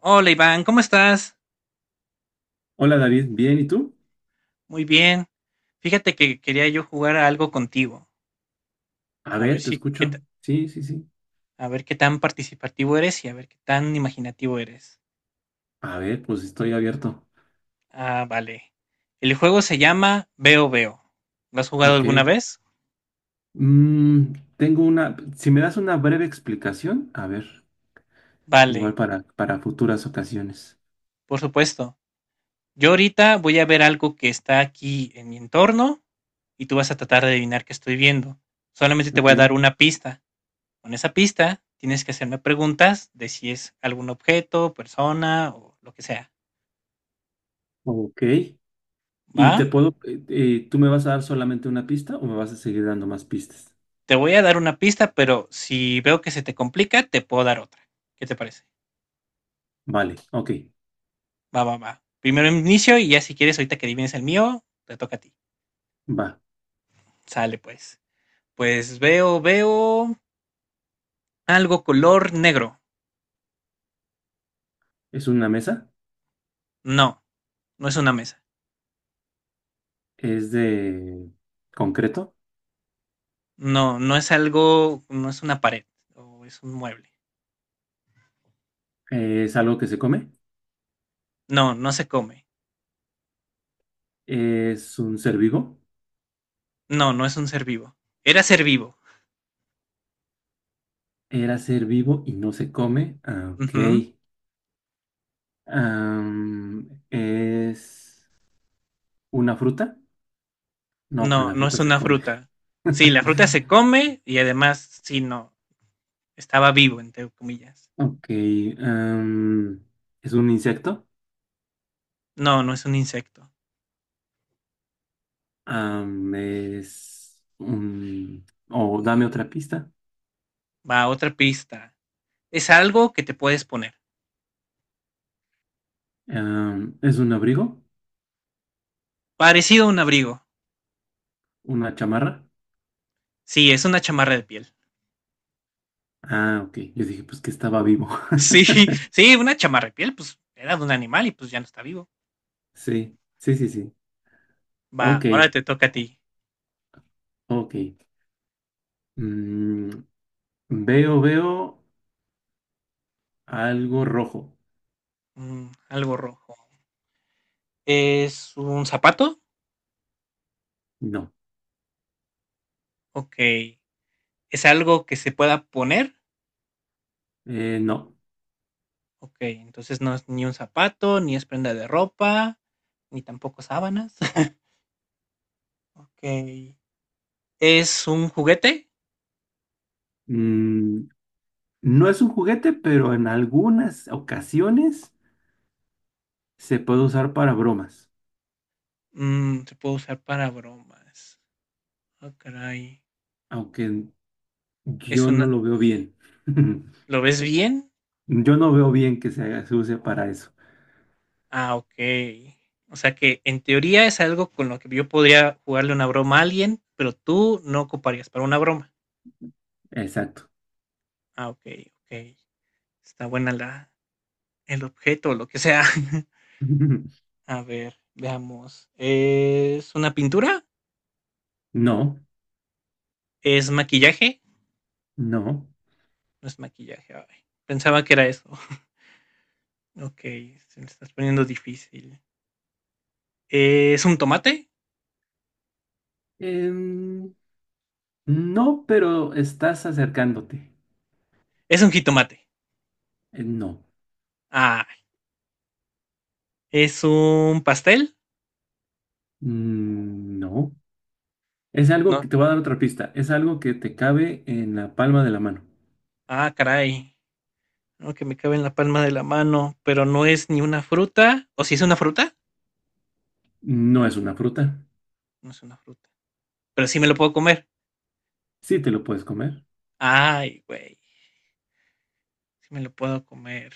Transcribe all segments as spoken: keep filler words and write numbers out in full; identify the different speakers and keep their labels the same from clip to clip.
Speaker 1: Hola Iván, ¿cómo estás?
Speaker 2: Hola David, bien, ¿y tú?
Speaker 1: Muy bien. Fíjate que quería yo jugar a algo contigo,
Speaker 2: A
Speaker 1: a ver
Speaker 2: ver, te
Speaker 1: si qué ta-
Speaker 2: escucho. Sí, sí, sí.
Speaker 1: a ver qué tan participativo eres y a ver qué tan imaginativo eres.
Speaker 2: A ver, pues estoy abierto.
Speaker 1: Ah, vale. El juego se llama Veo Veo. ¿Lo has jugado
Speaker 2: Ok.
Speaker 1: alguna vez?
Speaker 2: Mm, Tengo una, si me das una breve explicación, a ver, igual
Speaker 1: Vale,
Speaker 2: para, para futuras ocasiones.
Speaker 1: por supuesto. Yo ahorita voy a ver algo que está aquí en mi entorno y tú vas a tratar de adivinar qué estoy viendo. Solamente te
Speaker 2: Ok,
Speaker 1: voy a dar una pista. Con esa pista tienes que hacerme preguntas de si es algún objeto, persona o lo que sea.
Speaker 2: ok. ¿Y te
Speaker 1: ¿Va?
Speaker 2: puedo, eh, eh, tú me vas a dar solamente una pista o me vas a seguir dando más pistas?
Speaker 1: Te voy a dar una pista, pero si veo que se te complica, te puedo dar otra. ¿Qué te parece?
Speaker 2: Vale, ok,
Speaker 1: Va, va, va. Primero inicio y ya si quieres, ahorita que adivines el mío, te toca a ti.
Speaker 2: va.
Speaker 1: Sale pues. Pues veo, veo algo color negro.
Speaker 2: Es una mesa,
Speaker 1: No, no es una mesa.
Speaker 2: es de concreto,
Speaker 1: No, no es algo, no es una pared o es un mueble.
Speaker 2: eh, es algo que se come,
Speaker 1: No, no se come.
Speaker 2: es un ser vivo.
Speaker 1: No, no es un ser vivo. Era ser vivo.
Speaker 2: Era ser vivo y no se come. Ah, ok.
Speaker 1: Ujú.
Speaker 2: Am, ¿es una fruta? No, pero
Speaker 1: No,
Speaker 2: la
Speaker 1: no es
Speaker 2: fruta se
Speaker 1: una
Speaker 2: come.
Speaker 1: fruta. Sí, la fruta se come y además, sí, no, estaba vivo, entre comillas.
Speaker 2: Ok. am, ¿Es un insecto?
Speaker 1: No, no es un insecto.
Speaker 2: Am, es un. O dame otra pista.
Speaker 1: Va, otra pista. Es algo que te puedes poner.
Speaker 2: Am, ¿es un abrigo?
Speaker 1: Parecido a un abrigo.
Speaker 2: ¿Una chamarra?
Speaker 1: Sí, es una chamarra de piel.
Speaker 2: Ah, ok. Yo dije, pues que estaba vivo.
Speaker 1: Sí, sí, una chamarra de piel, pues era de un animal y pues ya no está vivo.
Speaker 2: Sí, sí, sí, sí. Ok.
Speaker 1: Va, ahora te toca a ti.
Speaker 2: Ok. Mm, Veo, veo. Algo rojo.
Speaker 1: Mm, algo rojo. ¿Es un zapato?
Speaker 2: No,
Speaker 1: Ok. ¿Es algo que se pueda poner?
Speaker 2: eh, no.
Speaker 1: Okey, entonces no es ni un zapato, ni es prenda de ropa, ni tampoco sábanas. Okey. ¿Es un juguete?
Speaker 2: Mm, no es un juguete, pero en algunas ocasiones se puede usar para bromas,
Speaker 1: Mm, se puede usar para bromas. Ah, caray.
Speaker 2: aunque
Speaker 1: Es
Speaker 2: yo no
Speaker 1: una,
Speaker 2: lo veo bien.
Speaker 1: ¿lo ves bien?
Speaker 2: Yo no veo bien que se, haga- se use para eso.
Speaker 1: Ah, okey. O sea que, en teoría, es algo con lo que yo podría jugarle una broma a alguien, pero tú no ocuparías para una broma.
Speaker 2: Exacto.
Speaker 1: Ah, okey, okey. Está buena la el objeto, o lo que sea. A ver, veamos, ¿es una pintura?
Speaker 2: No,
Speaker 1: ¿Es maquillaje?
Speaker 2: no.
Speaker 1: No es maquillaje. Ay, pensaba que era eso. Ok, se me estás poniendo difícil. ¿Es un tomate?
Speaker 2: Em, no, pero estás acercándote.
Speaker 1: Es un jitomate.
Speaker 2: Eh, no,
Speaker 1: Ah, ¿es un pastel?
Speaker 2: Mm, no. Es algo
Speaker 1: No.
Speaker 2: que te voy a dar otra pista. Es algo que te cabe en la palma de la mano.
Speaker 1: Ah, caray. No, que me cabe en la palma de la mano, pero no es ni una fruta. ¿O si es una fruta?
Speaker 2: No es una fruta.
Speaker 1: No es una fruta. Pero sí me lo puedo comer.
Speaker 2: Sí, te lo puedes comer.
Speaker 1: Ay, güey. Sí me lo puedo comer.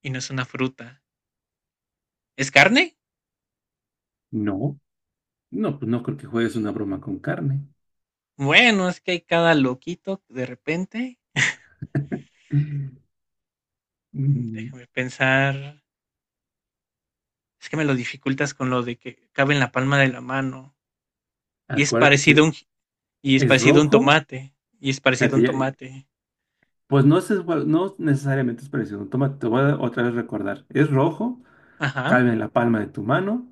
Speaker 1: Y no es una fruta. ¿Es carne?
Speaker 2: No, no, pues no creo que juegues una broma con carne.
Speaker 1: Bueno, es que hay cada loquito de repente. Mm,
Speaker 2: Mm,
Speaker 1: déjame pensar. Es que me lo dificultas con lo de que cabe en la palma de la mano. Y es
Speaker 2: Acuérdate
Speaker 1: parecido
Speaker 2: que
Speaker 1: a un, y es
Speaker 2: es
Speaker 1: parecido a un
Speaker 2: rojo.
Speaker 1: tomate. Y es parecido a
Speaker 2: Fíjate,
Speaker 1: un
Speaker 2: ya,
Speaker 1: tomate.
Speaker 2: pues no es, igual- no necesariamente es parecido. Toma, te voy a otra vez recordar. Es rojo,
Speaker 1: Ajá,
Speaker 2: cabe en la palma de tu mano.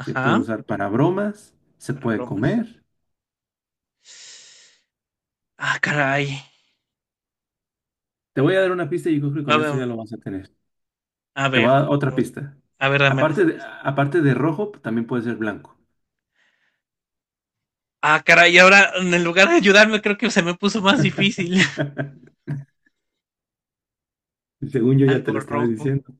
Speaker 2: Se puede usar para bromas. Se
Speaker 1: para
Speaker 2: puede
Speaker 1: bromas.
Speaker 2: comer.
Speaker 1: Ah, caray.
Speaker 2: Te voy a dar una pista y yo creo que
Speaker 1: A
Speaker 2: con
Speaker 1: ver,
Speaker 2: esto ya lo vas a tener.
Speaker 1: a
Speaker 2: Te voy
Speaker 1: ver,
Speaker 2: a dar otra pista.
Speaker 1: a ver, dame
Speaker 2: Aparte
Speaker 1: esa
Speaker 2: de,
Speaker 1: pista.
Speaker 2: aparte de rojo, también puede ser blanco.
Speaker 1: Ah, caray, ahora en lugar de ayudarme creo que se me puso más difícil.
Speaker 2: Según yo ya
Speaker 1: Algo
Speaker 2: te lo estaba
Speaker 1: rojo.
Speaker 2: diciendo.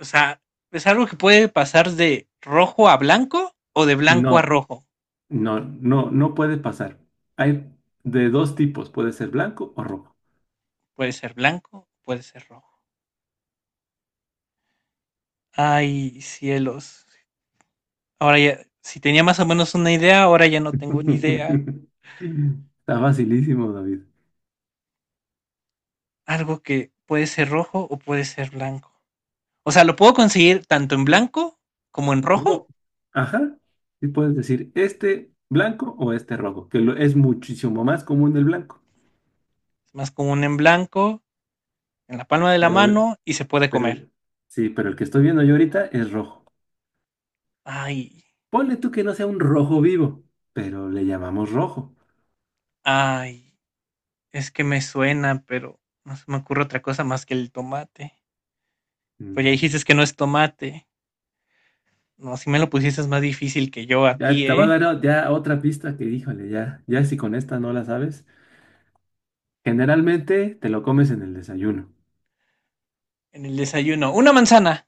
Speaker 1: O sea, es algo que puede pasar de rojo a blanco o de blanco a
Speaker 2: No.
Speaker 1: rojo.
Speaker 2: No, no, no puede pasar. Hay de dos tipos, puede ser blanco o rojo.
Speaker 1: Puede ser blanco, puede ser rojo. Ay, cielos, ahora ya, si tenía más o menos una idea, ahora ya no tengo ni idea.
Speaker 2: Está facilísimo, David.
Speaker 1: Algo que puede ser rojo o puede ser blanco. O sea, lo puedo conseguir tanto en blanco como en rojo.
Speaker 2: Uno, ajá, y puedes decir este blanco o este rojo, que lo- es muchísimo más común el blanco,
Speaker 1: Es más común en blanco, en la palma de la
Speaker 2: pero,
Speaker 1: mano y se puede comer.
Speaker 2: pero, sí, pero el que estoy viendo yo ahorita es rojo.
Speaker 1: Ay,
Speaker 2: Ponle tú que no sea un rojo vivo, pero le llamamos rojo.
Speaker 1: ay, es que me suena, pero no se me ocurre otra cosa más que el tomate. Pues ya
Speaker 2: No,
Speaker 1: dijiste que no es tomate. No, si me lo pusieses más difícil que yo a ti,
Speaker 2: ya te va a
Speaker 1: ¿eh?
Speaker 2: dar o- ya otra pista que, híjole, ya, ya si con esta no la sabes. Generalmente te lo comes en el desayuno.
Speaker 1: En el desayuno. Una manzana.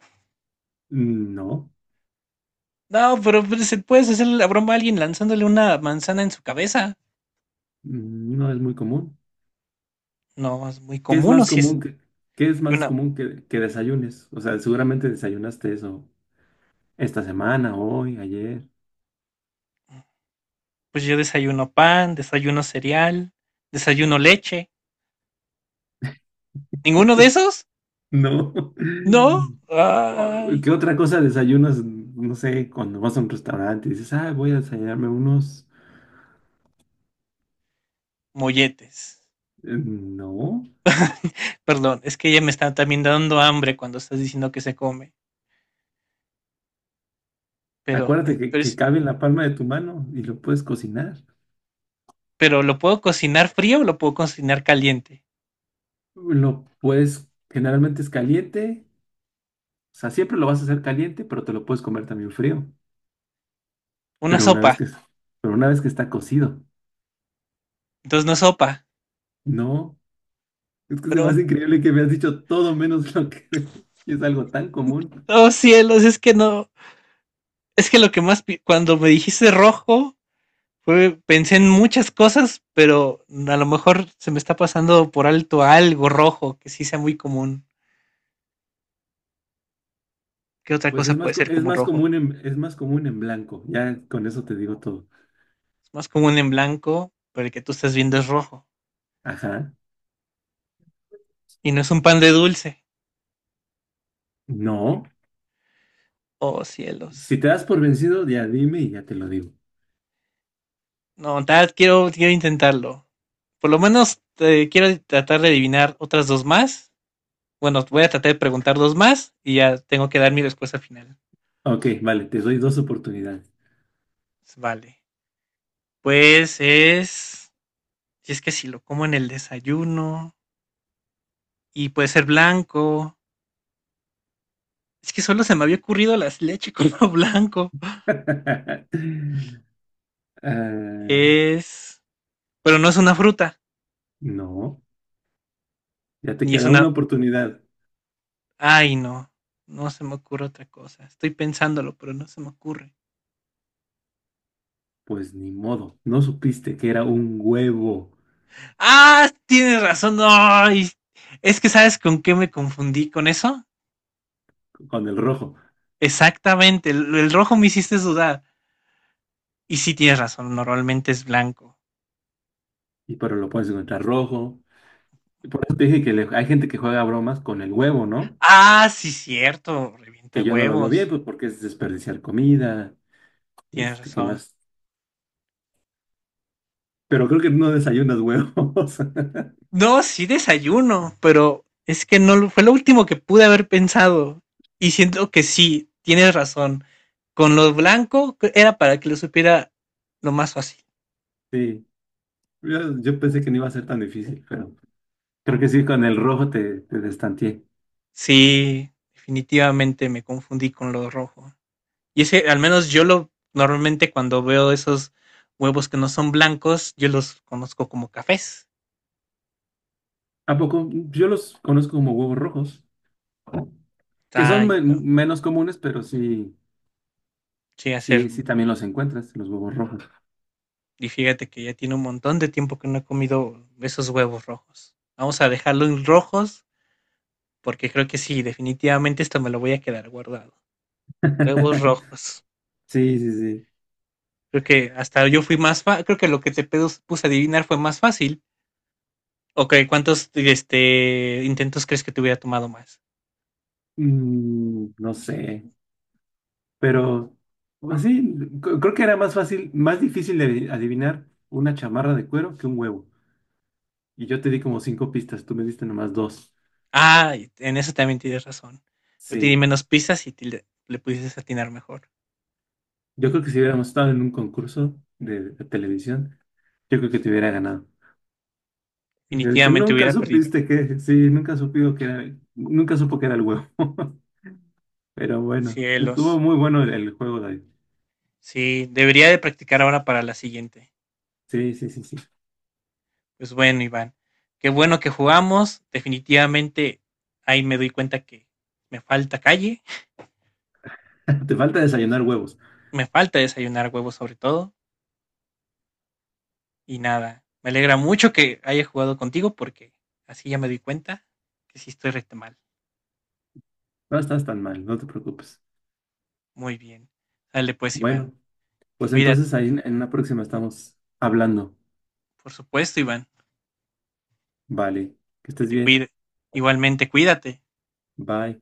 Speaker 2: Mm, no,
Speaker 1: No, pero pues, se puedes hacer la broma a alguien lanzándole una manzana en su cabeza.
Speaker 2: mm, no es muy común.
Speaker 1: No, es muy
Speaker 2: ¿Qué es
Speaker 1: común. O
Speaker 2: más
Speaker 1: si es
Speaker 2: común que, qué es
Speaker 1: que
Speaker 2: más
Speaker 1: una,
Speaker 2: común que, que desayunes? O sea, seguramente desayunaste eso esta semana, hoy, ayer.
Speaker 1: pues yo desayuno pan, desayuno cereal, desayuno leche. ¿Ninguno de esos?
Speaker 2: No.
Speaker 1: No.
Speaker 2: Oh,
Speaker 1: Ay,
Speaker 2: ¿qué otra cosa desayunas? No sé, cuando vas a un restaurante y dices, ah, voy a desayunarme unos.
Speaker 1: molletes.
Speaker 2: Eh, No.
Speaker 1: Perdón, es que ella me está también dando hambre cuando estás diciendo que se come. Pero,
Speaker 2: Acuérdate
Speaker 1: en-
Speaker 2: que,
Speaker 1: pero,
Speaker 2: que
Speaker 1: es-
Speaker 2: cabe en la palma de tu mano y lo puedes cocinar.
Speaker 1: pero lo puedo cocinar frío o lo puedo cocinar caliente.
Speaker 2: Lo puedes, generalmente es caliente. O sea, siempre lo vas a hacer caliente, pero te lo puedes comer también frío.
Speaker 1: Una
Speaker 2: Pero una
Speaker 1: sopa.
Speaker 2: vez que, pero una vez que está cocido,
Speaker 1: Entonces no es sopa.
Speaker 2: no. Es que es
Speaker 1: Pero,
Speaker 2: más increíble que me has dicho todo menos lo que y es algo tan común.
Speaker 1: oh cielos, es que no. Es que lo que más, pi- cuando me dijiste rojo, fue, pensé en muchas cosas, pero a lo mejor se me está pasando por alto algo rojo, que sí sea muy común. ¿Qué otra
Speaker 2: Pues
Speaker 1: cosa
Speaker 2: es más,
Speaker 1: puede
Speaker 2: co-
Speaker 1: ser
Speaker 2: es
Speaker 1: común
Speaker 2: más
Speaker 1: rojo?
Speaker 2: común en, es más común en blanco. Ya con eso te digo todo.
Speaker 1: Es más común en blanco, pero el que tú estás viendo es rojo.
Speaker 2: Ajá.
Speaker 1: Y no es un pan de dulce.
Speaker 2: No.
Speaker 1: Oh, cielos.
Speaker 2: Si te das por vencido, ya dime y ya te lo digo.
Speaker 1: No, tal, quiero, quiero intentarlo. Por lo menos eh, quiero tratar de adivinar otras dos más. Bueno, voy a tratar de preguntar dos más y ya tengo que dar mi respuesta final.
Speaker 2: Ok, vale, te doy dos oportunidades.
Speaker 1: Vale. Pues es. Si es que si lo como en el desayuno y puede ser blanco. Es que solo se me había ocurrido la leche color blanco.
Speaker 2: Ah,
Speaker 1: Es. Pero no es una fruta,
Speaker 2: no, ya te
Speaker 1: ni es
Speaker 2: queda
Speaker 1: una.
Speaker 2: una oportunidad.
Speaker 1: Ay, no. No se me ocurre otra cosa. Estoy pensándolo, pero no se me ocurre.
Speaker 2: Pues ni modo, no supiste que era un huevo
Speaker 1: ¡Ah! Tienes razón. ¡Ay! Es que sabes con qué me confundí con eso.
Speaker 2: con el rojo,
Speaker 1: Exactamente. El, el rojo me hiciste dudar. Y sí tienes razón. Normalmente es blanco.
Speaker 2: y pero lo puedes encontrar rojo. Y por eso te dije que le- hay gente que juega bromas con el huevo, ¿no?
Speaker 1: Ah, sí, cierto. Revienta
Speaker 2: Que yo no lo veo bien,
Speaker 1: huevos.
Speaker 2: pues porque es desperdiciar comida,
Speaker 1: Tienes
Speaker 2: este, ¿qué
Speaker 1: razón.
Speaker 2: más? Pero creo que no desayunas huevos.
Speaker 1: No, sí desayuno, pero es que no lo- fue lo último que pude haber pensado. Y siento que sí, tienes razón. Con lo blanco que era para que lo supiera lo más fácil.
Speaker 2: Sí, yo, yo pensé que no iba a ser tan difícil, pero creo que sí, con el rojo te, te destanteé.
Speaker 1: Sí, definitivamente me confundí con lo rojo. Y es que al menos yo lo normalmente cuando veo esos huevos que no son blancos, yo los conozco como cafés.
Speaker 2: ¿A poco? Yo los conozco como huevos rojos, que
Speaker 1: Está,
Speaker 2: son
Speaker 1: ahí,
Speaker 2: me-
Speaker 1: no,
Speaker 2: menos comunes, pero sí,
Speaker 1: sí, hacer.
Speaker 2: sí, sí también los encuentras, los huevos rojos.
Speaker 1: Y fíjate que ya tiene un montón de tiempo que no he comido esos huevos rojos. Vamos a dejarlos rojos porque creo que sí, definitivamente esto me lo voy a quedar guardado. Huevos rojos.
Speaker 2: Sí, sí, sí.
Speaker 1: Creo que hasta yo fui más fa creo que lo que te pedos- puse a adivinar fue más fácil. Ok, ¿cuántos este, intentos crees que te hubiera tomado más?
Speaker 2: Mm, no sé, pero así, c- creo que era más fácil, más difícil de adivinar una chamarra de cuero que un huevo. Y yo te di como cinco pistas, tú me diste nomás dos.
Speaker 1: Ah, y en eso también tienes razón. Yo te di
Speaker 2: Sí,
Speaker 1: menos pistas y te le, le pudiste atinar mejor.
Speaker 2: yo
Speaker 1: Mm,
Speaker 2: creo que si hubiéramos estado en un concurso de, de televisión, yo creo que te hubiera ganado. Le hubiera dicho,
Speaker 1: definitivamente
Speaker 2: nunca
Speaker 1: hubiera perdido.
Speaker 2: supiste que, sí, nunca supió que era, nunca supo que era el huevo. Pero bueno, estuvo
Speaker 1: Cielos.
Speaker 2: muy bueno el, el juego, David.
Speaker 1: Sí, debería de practicar ahora para la siguiente.
Speaker 2: Sí, sí, sí, sí.
Speaker 1: Pues bueno, Iván. Qué bueno que jugamos. Definitivamente ahí me doy cuenta que me falta calle,
Speaker 2: Te falta desayunar huevos.
Speaker 1: me falta desayunar huevos sobre todo. Y nada, me alegra mucho que haya jugado contigo porque así ya me di cuenta que sí estoy recta mal.
Speaker 2: No estás tan mal, no te preocupes.
Speaker 1: Muy bien. Dale pues, Iván.
Speaker 2: Bueno, pues
Speaker 1: Cuídate.
Speaker 2: entonces ahí en en una próxima estamos hablando.
Speaker 1: Por supuesto, Iván,
Speaker 2: Vale, que
Speaker 1: que
Speaker 2: estés
Speaker 1: te
Speaker 2: bien.
Speaker 1: cuide. Igualmente, cuídate.
Speaker 2: Bye.